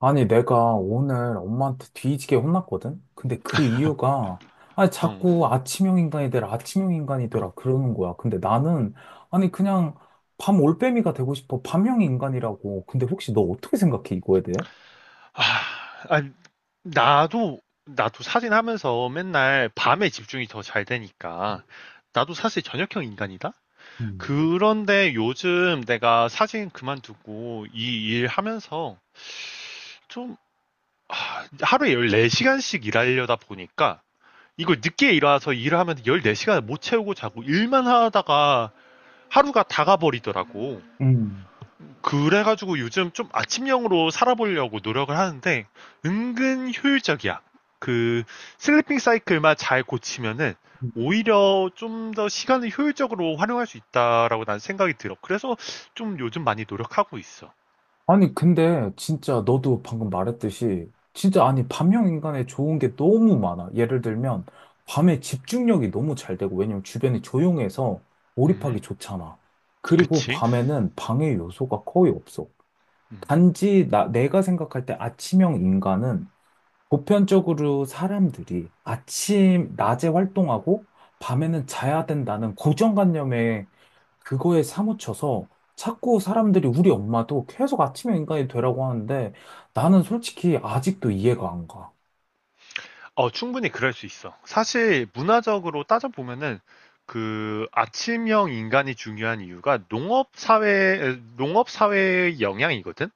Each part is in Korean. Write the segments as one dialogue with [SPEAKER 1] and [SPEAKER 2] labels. [SPEAKER 1] 아니, 내가 오늘 엄마한테 뒤지게 혼났거든? 근데 그 이유가, 아니,
[SPEAKER 2] 응.
[SPEAKER 1] 자꾸 아침형 인간이 되라, 아침형 인간이 되라, 그러는 거야. 근데 나는, 아니, 그냥 밤 올빼미가 되고 싶어. 밤형 인간이라고. 근데 혹시 너 어떻게 생각해, 이거에 대해?
[SPEAKER 2] 아, 나도 사진 하면서 맨날 밤에 집중이 더 잘 되니까. 나도 사실 저녁형 인간이다?
[SPEAKER 1] 음.
[SPEAKER 2] 그런데 요즘 내가 사진 그만두고 이 일 하면서 좀 하루에 14시간씩 일하려다 보니까 이걸 늦게 일어나서 일을 하면 14시간을 못 채우고 자고 일만 하다가 하루가 다 가버리더라고.
[SPEAKER 1] 음.
[SPEAKER 2] 그래가지고 요즘 좀 아침형으로 살아보려고 노력을 하는데 은근 효율적이야. 그 슬리핑 사이클만 잘 고치면은 오히려 좀 더 시간을 효율적으로 활용할 수 있다라고 난 생각이 들어. 그래서 좀 요즘 많이 노력하고 있어.
[SPEAKER 1] 아니, 근데 진짜 너도 방금 말했듯이 진짜 아니, 밤형 인간의 좋은 게 너무 많아. 예를 들면 밤에 집중력이 너무 잘 되고 왜냐면 주변이 조용해서 몰입하기
[SPEAKER 2] 음.
[SPEAKER 1] 좋잖아. 그리고
[SPEAKER 2] 그치?
[SPEAKER 1] 밤에는 방해 요소가 거의 없어.
[SPEAKER 2] 음.
[SPEAKER 1] 단지 나, 내가 생각할 때 아침형 인간은 보편적으로 사람들이 아침, 낮에 활동하고 밤에는 자야 된다는 고정관념에 그거에 사무쳐서 자꾸 사람들이 우리 엄마도 계속 아침형 인간이 되라고 하는데 나는 솔직히 아직도 이해가 안 가.
[SPEAKER 2] 어, 충분히 그럴 수 있어. 사실 문화적으로 따져보면은 그 아침형 인간이 중요한 이유가 농업 사회의 영향이거든?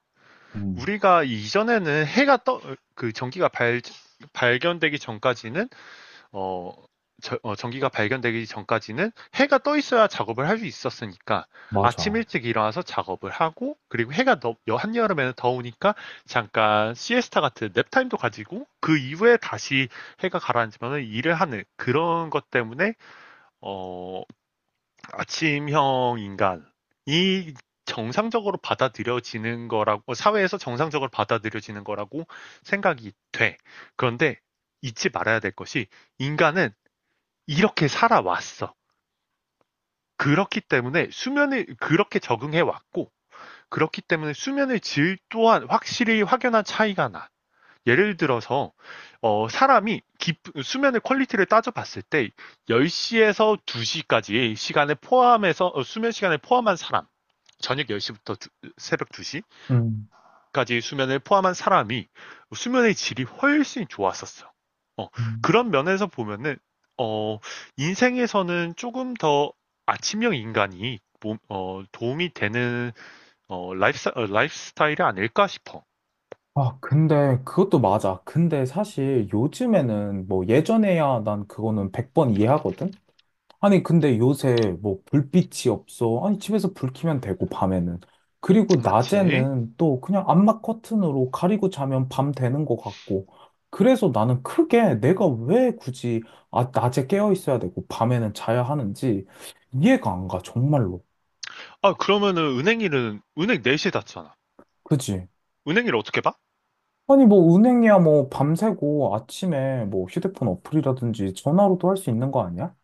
[SPEAKER 1] 음,
[SPEAKER 2] 우리가 이전에는 그 전기가 발견되기 전까지는, 어, 전기가 발견되기 전까지는 해가 떠 있어야 작업을 할 수 있었으니까 아침
[SPEAKER 1] 맞아.
[SPEAKER 2] 일찍 일어나서 작업을 하고 그리고 해가 더 한여름에는 더우니까 잠깐 시에스타 같은 냅타임도 가지고 그 이후에 다시 해가 가라앉으면 일을 하는 그런 것 때문에 어, 아침형 인간이 정상적으로 받아들여지는 거라고 사회에서 정상적으로 받아들여지는 거라고 생각이 돼. 그런데 잊지 말아야 될 것이 인간은 이렇게 살아왔어. 그렇기 때문에 수면을 그렇게 적응해 왔고 그렇기 때문에 수면의 질 또한 확실히 확연한 차이가 나. 예를 들어서 사람이 수면의 퀄리티를 따져봤을 때 10시에서 2시까지의 시간을 포함해서 수면 시간을 포함한 사람 저녁 10시부터 새벽
[SPEAKER 1] 음.
[SPEAKER 2] 2시까지 수면을 포함한 사람이 수면의 질이 훨씬 좋았었어. 어,
[SPEAKER 1] 음,
[SPEAKER 2] 그런 면에서 보면은, 어, 인생에서는 조금 더 아침형 인간이 도움이 되는 라이프스타일이 아닐까 싶어.
[SPEAKER 1] 아, 근데 그것도 맞아. 근데 사실 요즘에는 뭐 예전에야 난 그거는 100번 이해하거든? 아니, 근데 요새 뭐 불빛이 없어. 아니, 집에서 불 켜면 되고, 밤에는. 그리고
[SPEAKER 2] 맞지?
[SPEAKER 1] 낮에는 또 그냥 암막 커튼으로 가리고 자면 밤 되는 것 같고. 그래서 나는 크게 내가 왜 굳이 아, 낮에 깨어 있어야 되고, 밤에는 자야 하는지 이해가 안 가, 정말로.
[SPEAKER 2] 아, 그러면은 은행 일은, 은행 4시에 닫잖아.
[SPEAKER 1] 그지?
[SPEAKER 2] 은행 일 어떻게 봐?
[SPEAKER 1] 아니, 뭐 은행이야 뭐 밤새고 아침에 뭐 휴대폰 어플이라든지 전화로도 할 수 있는 거 아니야?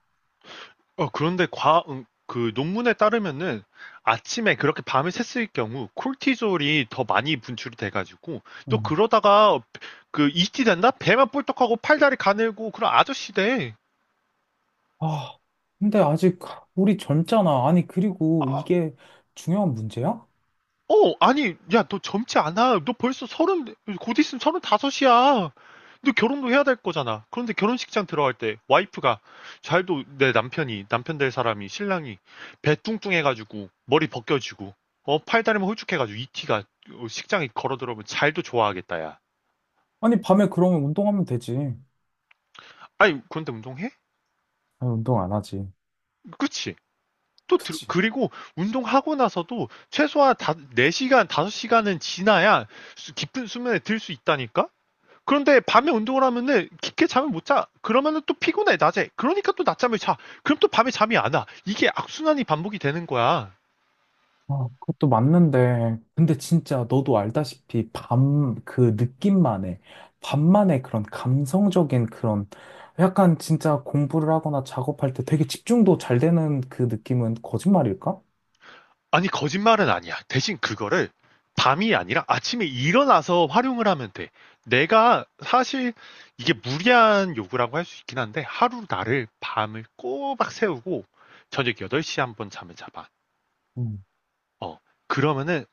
[SPEAKER 2] 그런데 그 논문에 따르면은 아침에 그렇게 밤을 샜을 경우 콜티졸이 더 많이 분출이 돼가지고 또 그러다가 그 이티 된다? 배만 뿔떡하고 팔다리 가늘고 그런 아저씨 돼.
[SPEAKER 1] 아, 근데 아직 우리 젊잖아. 아니, 그리고
[SPEAKER 2] 아,
[SPEAKER 1] 이게 중요한 문제야?
[SPEAKER 2] 아니, 야, 너 젊지 않아. 너 벌써 서른, 곧 있으면 서른 다섯이야. 너 결혼도 해야 될 거잖아. 그런데 결혼식장 들어갈 때 와이프가 잘도 내 남편이 남편 될 사람이 신랑이 배 뚱뚱해가지고 머리 벗겨지고 팔다리만 홀쭉해가지고 이 티가 식장에 걸어 들어오면 잘도 좋아하겠다야.
[SPEAKER 1] 아니, 밤에 그러면 운동하면 되지.
[SPEAKER 2] 아니, 그런데 운동해?
[SPEAKER 1] 아니, 운동 안 하지.
[SPEAKER 2] 그치? 또
[SPEAKER 1] 그치.
[SPEAKER 2] 그리고 운동하고 나서도 최소한 4시간 5시간은 지나야 깊은 수면에 들 수 있다니까? 그런데 밤에 운동을 하면은 깊게 잠을 못 자. 그러면은 또 피곤해, 낮에. 그러니까 또 낮잠을 자. 그럼 또 밤에 잠이 안 와. 이게 악순환이 반복이 되는 거야.
[SPEAKER 1] 아, 그것도 맞는데. 근데 진짜 너도 알다시피 밤 그 느낌만의, 밤만의 그런 감성적인 그런 약간 진짜 공부를 하거나 작업할 때 되게 집중도 잘 되는 그 느낌은 거짓말일까?
[SPEAKER 2] 아니, 거짓말은 아니야. 대신 그거를 밤이 아니라 아침에 일어나서 활용을 하면 돼. 내가 사실 이게 무리한 요구라고 할 수 있긴 한데 하루 나를 밤을 꼬박 세우고 저녁 8시에 한 번 잠을 자봐.
[SPEAKER 1] 음,
[SPEAKER 2] 어. 그러면은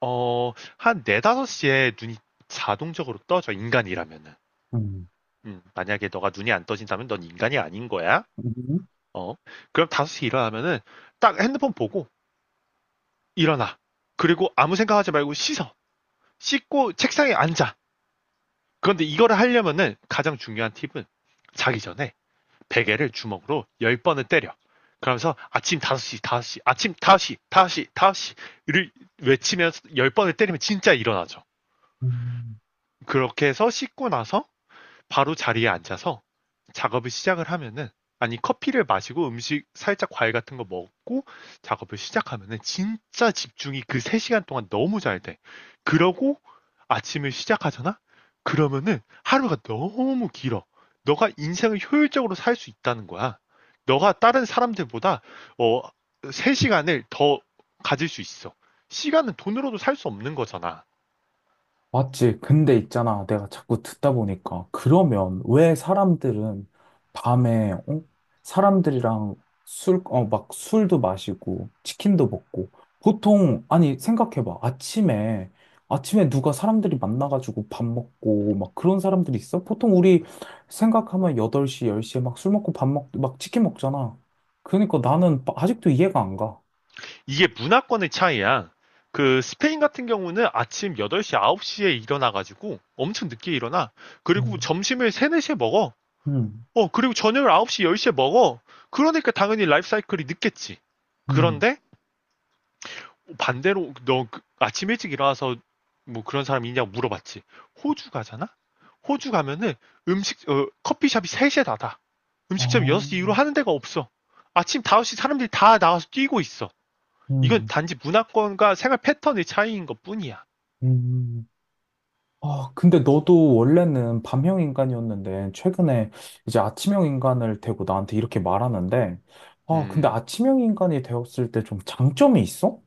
[SPEAKER 2] 어, 한 4, 5시에 눈이 자동적으로 떠져, 인간이라면은.
[SPEAKER 1] 음,
[SPEAKER 2] 만약에 너가 눈이 안 떠진다면 넌 인간이 아닌 거야.
[SPEAKER 1] 음.
[SPEAKER 2] 어. 그럼 5시 일어나면은 딱 핸드폰 보고 일어나. 그리고 아무 생각하지 말고 씻어. 씻고 책상에 앉아. 그런데 이거를 하려면은 가장 중요한 팁은 자기 전에 베개를 주먹으로 10번을 때려. 그러면서 아침 5시, 5시, 아침 5시, 5시, 5시를 외치면서 10번을 때리면 진짜 일어나죠.
[SPEAKER 1] 음.
[SPEAKER 2] 그렇게 해서 씻고 나서 바로 자리에 앉아서 작업을 시작을 하면은 아니 커피를 마시고 음식 살짝 과일 같은 거 먹고 작업을 시작하면은 진짜 집중이 그 3시간 동안 너무 잘 돼. 그러고 아침을 시작하잖아? 그러면은 하루가 너무 길어. 너가 인생을 효율적으로 살 수 있다는 거야. 너가 다른 사람들보다 어 3시간을 더 가질 수 있어. 시간은 돈으로도 살 수 없는 거잖아.
[SPEAKER 1] 맞지. 근데 있잖아. 내가 자꾸 듣다 보니까. 그러면 왜 사람들은 밤에, 어? 사람들이랑 술, 어, 막 술도 마시고, 치킨도 먹고. 보통, 아니, 생각해봐. 아침에, 아침에 누가 사람들이 만나가지고 밥 먹고, 막 그런 사람들이 있어? 보통 우리 생각하면 8시, 10시에 막 술 먹고 밥 먹, 막 치킨 먹잖아. 그러니까 나는 아직도 이해가 안 가.
[SPEAKER 2] 이게 문화권의 차이야. 그 스페인 같은 경우는 아침 8시, 9시에 일어나가지고 엄청 늦게 일어나. 그리고
[SPEAKER 1] 음.
[SPEAKER 2] 점심을 3, 4시에 먹어.
[SPEAKER 1] 음,
[SPEAKER 2] 그리고 저녁을 9시, 10시에 먹어. 그러니까 당연히 라이프 사이클이 늦겠지.
[SPEAKER 1] 음,
[SPEAKER 2] 그런데 반대로 너그 아침 일찍 일어나서 뭐 그런 사람 있냐고 물어봤지. 호주 가잖아? 호주 가면은 커피숍이 3시에 닫아.
[SPEAKER 1] 아,
[SPEAKER 2] 음식점이 6시 이후로 하는 데가 없어. 아침 5시 사람들이 다 나와서 뛰고 있어. 이건
[SPEAKER 1] 음,
[SPEAKER 2] 단지 문화권과 생활 패턴의 차이인 것 뿐이야.
[SPEAKER 1] 음. 아, 근데 너도 원래는 밤형 인간이었는데, 최근에 이제 아침형 인간을 되고 나한테 이렇게 말하는데, 아, 근데
[SPEAKER 2] 음,
[SPEAKER 1] 아침형 인간이 되었을 때 좀 장점이 있어?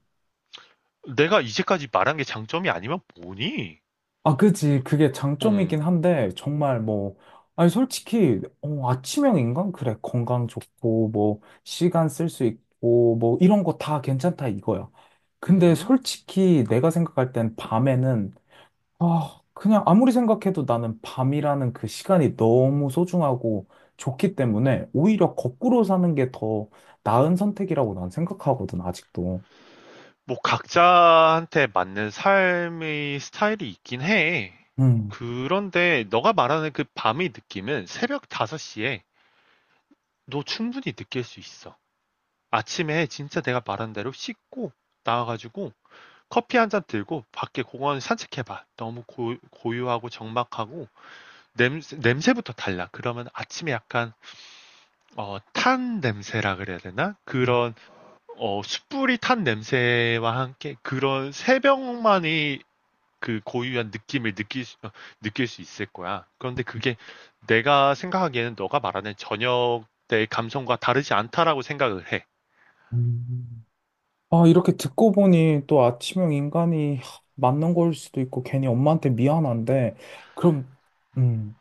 [SPEAKER 2] 내가 이제까지 말한 게 장점이 아니면 뭐니?
[SPEAKER 1] 아, 그지. 그게
[SPEAKER 2] 어,
[SPEAKER 1] 장점이긴 한데, 정말 뭐, 아니, 솔직히, 어, 아침형 인간? 그래. 건강 좋고, 뭐, 시간 쓸 수 있고, 뭐, 이런 거 다 괜찮다 이거야. 근데
[SPEAKER 2] 음.
[SPEAKER 1] 솔직히 내가 생각할 땐 밤에는 아, 그냥 아무리 생각해도 나는 밤이라는 그 시간이 너무 소중하고 좋기 때문에 오히려 거꾸로 사는 게 더 나은 선택이라고 난 생각하거든, 아직도.
[SPEAKER 2] 뭐 각자한테 맞는 삶의 스타일이 있긴 해.
[SPEAKER 1] 음.
[SPEAKER 2] 그런데 너가 말하는 그 밤의 느낌은 새벽 5시에 너 충분히 느낄 수 있어. 아침에 진짜 내가 말한 대로 씻고 나와가지고 커피 한 잔 들고 밖에 공원 산책해봐. 너무 고요하고 적막하고 냄새부터 달라. 그러면 아침에 약간 탄 냄새라 그래야 되나? 그런 숯불이 탄 냄새와 함께 그런 새벽만이 그 고유한 느낌을 느낄 수 있을 거야. 그런데 그게 내가 생각하기에는 너가 말하는 저녁 때의 감성과 다르지 않다라고 생각을 해.
[SPEAKER 1] 음. 아, 이렇게 듣고 보니 또 아침형 인간이 하, 맞는 걸 수도 있고 괜히 엄마한테 미안한데, 그럼, 음,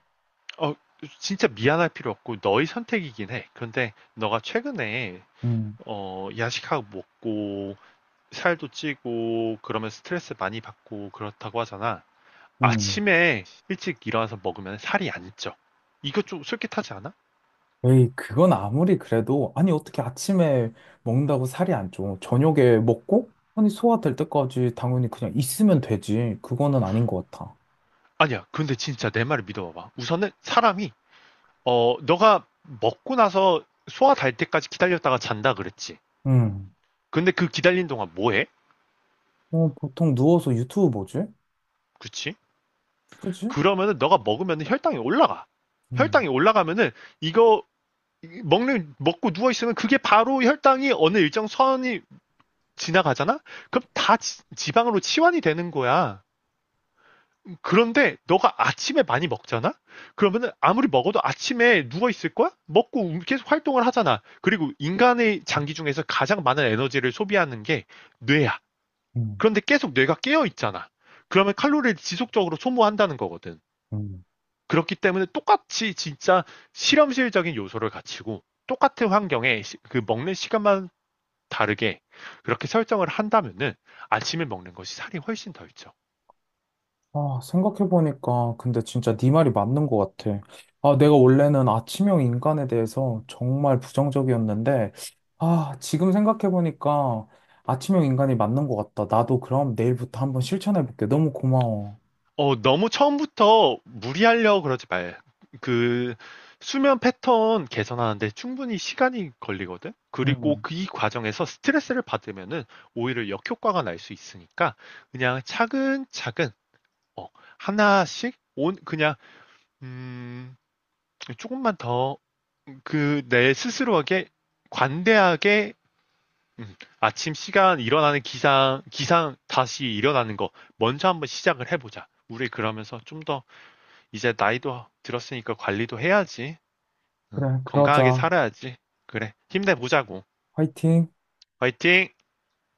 [SPEAKER 2] 어, 진짜 미안할 필요 없고 너의 선택이긴 해. 그런데 너가 최근에
[SPEAKER 1] 음.
[SPEAKER 2] 야식하고 먹고 살도 찌고 그러면 스트레스 많이 받고 그렇다고 하잖아.
[SPEAKER 1] 음.
[SPEAKER 2] 아침에 일찍 일어나서 먹으면 살이 안 쪄. 이거 좀 솔깃하지 않아?
[SPEAKER 1] 에이, 그건 아무리 그래도, 아니, 어떻게 아침에 먹는다고 살이 안 쪄? 저녁에 먹고, 아니, 소화될 때까지 당연히 그냥 있으면 되지. 그거는 아닌 것 같아.
[SPEAKER 2] 아니야. 근데 진짜 내 말을 믿어봐봐. 우선은 사람이 너가 먹고 나서 소화 달 때까지 기다렸다가 잔다 그랬지.
[SPEAKER 1] 음.
[SPEAKER 2] 근데 그 기다린 동안 뭐해?
[SPEAKER 1] 어, 보통 누워서 유튜브 보지?
[SPEAKER 2] 그치?
[SPEAKER 1] 그지?
[SPEAKER 2] 그러면은 너가 먹으면 혈당이 올라가.
[SPEAKER 1] 음,
[SPEAKER 2] 혈당이 올라가면은 이거 먹는 먹고 누워 있으면 그게 바로 혈당이 어느 일정 선이 지나가잖아? 그럼 다 지방으로 치환이 되는 거야. 그런데 너가 아침에 많이 먹잖아? 그러면은 아무리 먹어도 아침에 누워 있을 거야? 먹고 계속 활동을 하잖아. 그리고 인간의 장기 중에서 가장 많은 에너지를 소비하는 게 뇌야.
[SPEAKER 1] 음,
[SPEAKER 2] 그런데 계속 뇌가 깨어 있잖아. 그러면 칼로리를 지속적으로 소모한다는 거거든.
[SPEAKER 1] 음.
[SPEAKER 2] 그렇기 때문에 똑같이 진짜 실험실적인 요소를 갖추고 똑같은 환경에 그 먹는 시간만 다르게 그렇게 설정을 한다면은 아침에 먹는 것이 살이 훨씬 덜 쪄.
[SPEAKER 1] 아, 생각해보니까, 근데 진짜 네 말이 맞는 것 같아. 아, 내가 원래는 아침형 인간에 대해서 정말 부정적이었는데, 아, 지금 생각해보니까 아침형 인간이 맞는 것 같다. 나도 그럼 내일부터 한번 실천해볼게. 너무 고마워.
[SPEAKER 2] 어, 너무 처음부터 무리하려고 그러지 말. 그 수면 패턴 개선하는데 충분히 시간이 걸리거든. 그리고
[SPEAKER 1] 음,
[SPEAKER 2] 그 이 과정에서 스트레스를 받으면은 오히려 역효과가 날 수 있으니까 그냥 차근차근 어, 하나씩 온 그냥 음, 조금만 더 그 내 스스로에게 관대하게 아침 시간 일어나는 기상 다시 일어나는 거 먼저 한번 시작을 해보자. 우리 그러면서 좀 더 이제 나이도 들었으니까 관리도 해야지. 응,
[SPEAKER 1] 그래,
[SPEAKER 2] 건강하게
[SPEAKER 1] 그러자.
[SPEAKER 2] 살아야지. 그래, 힘내보자고.
[SPEAKER 1] 화이팅.
[SPEAKER 2] 화이팅!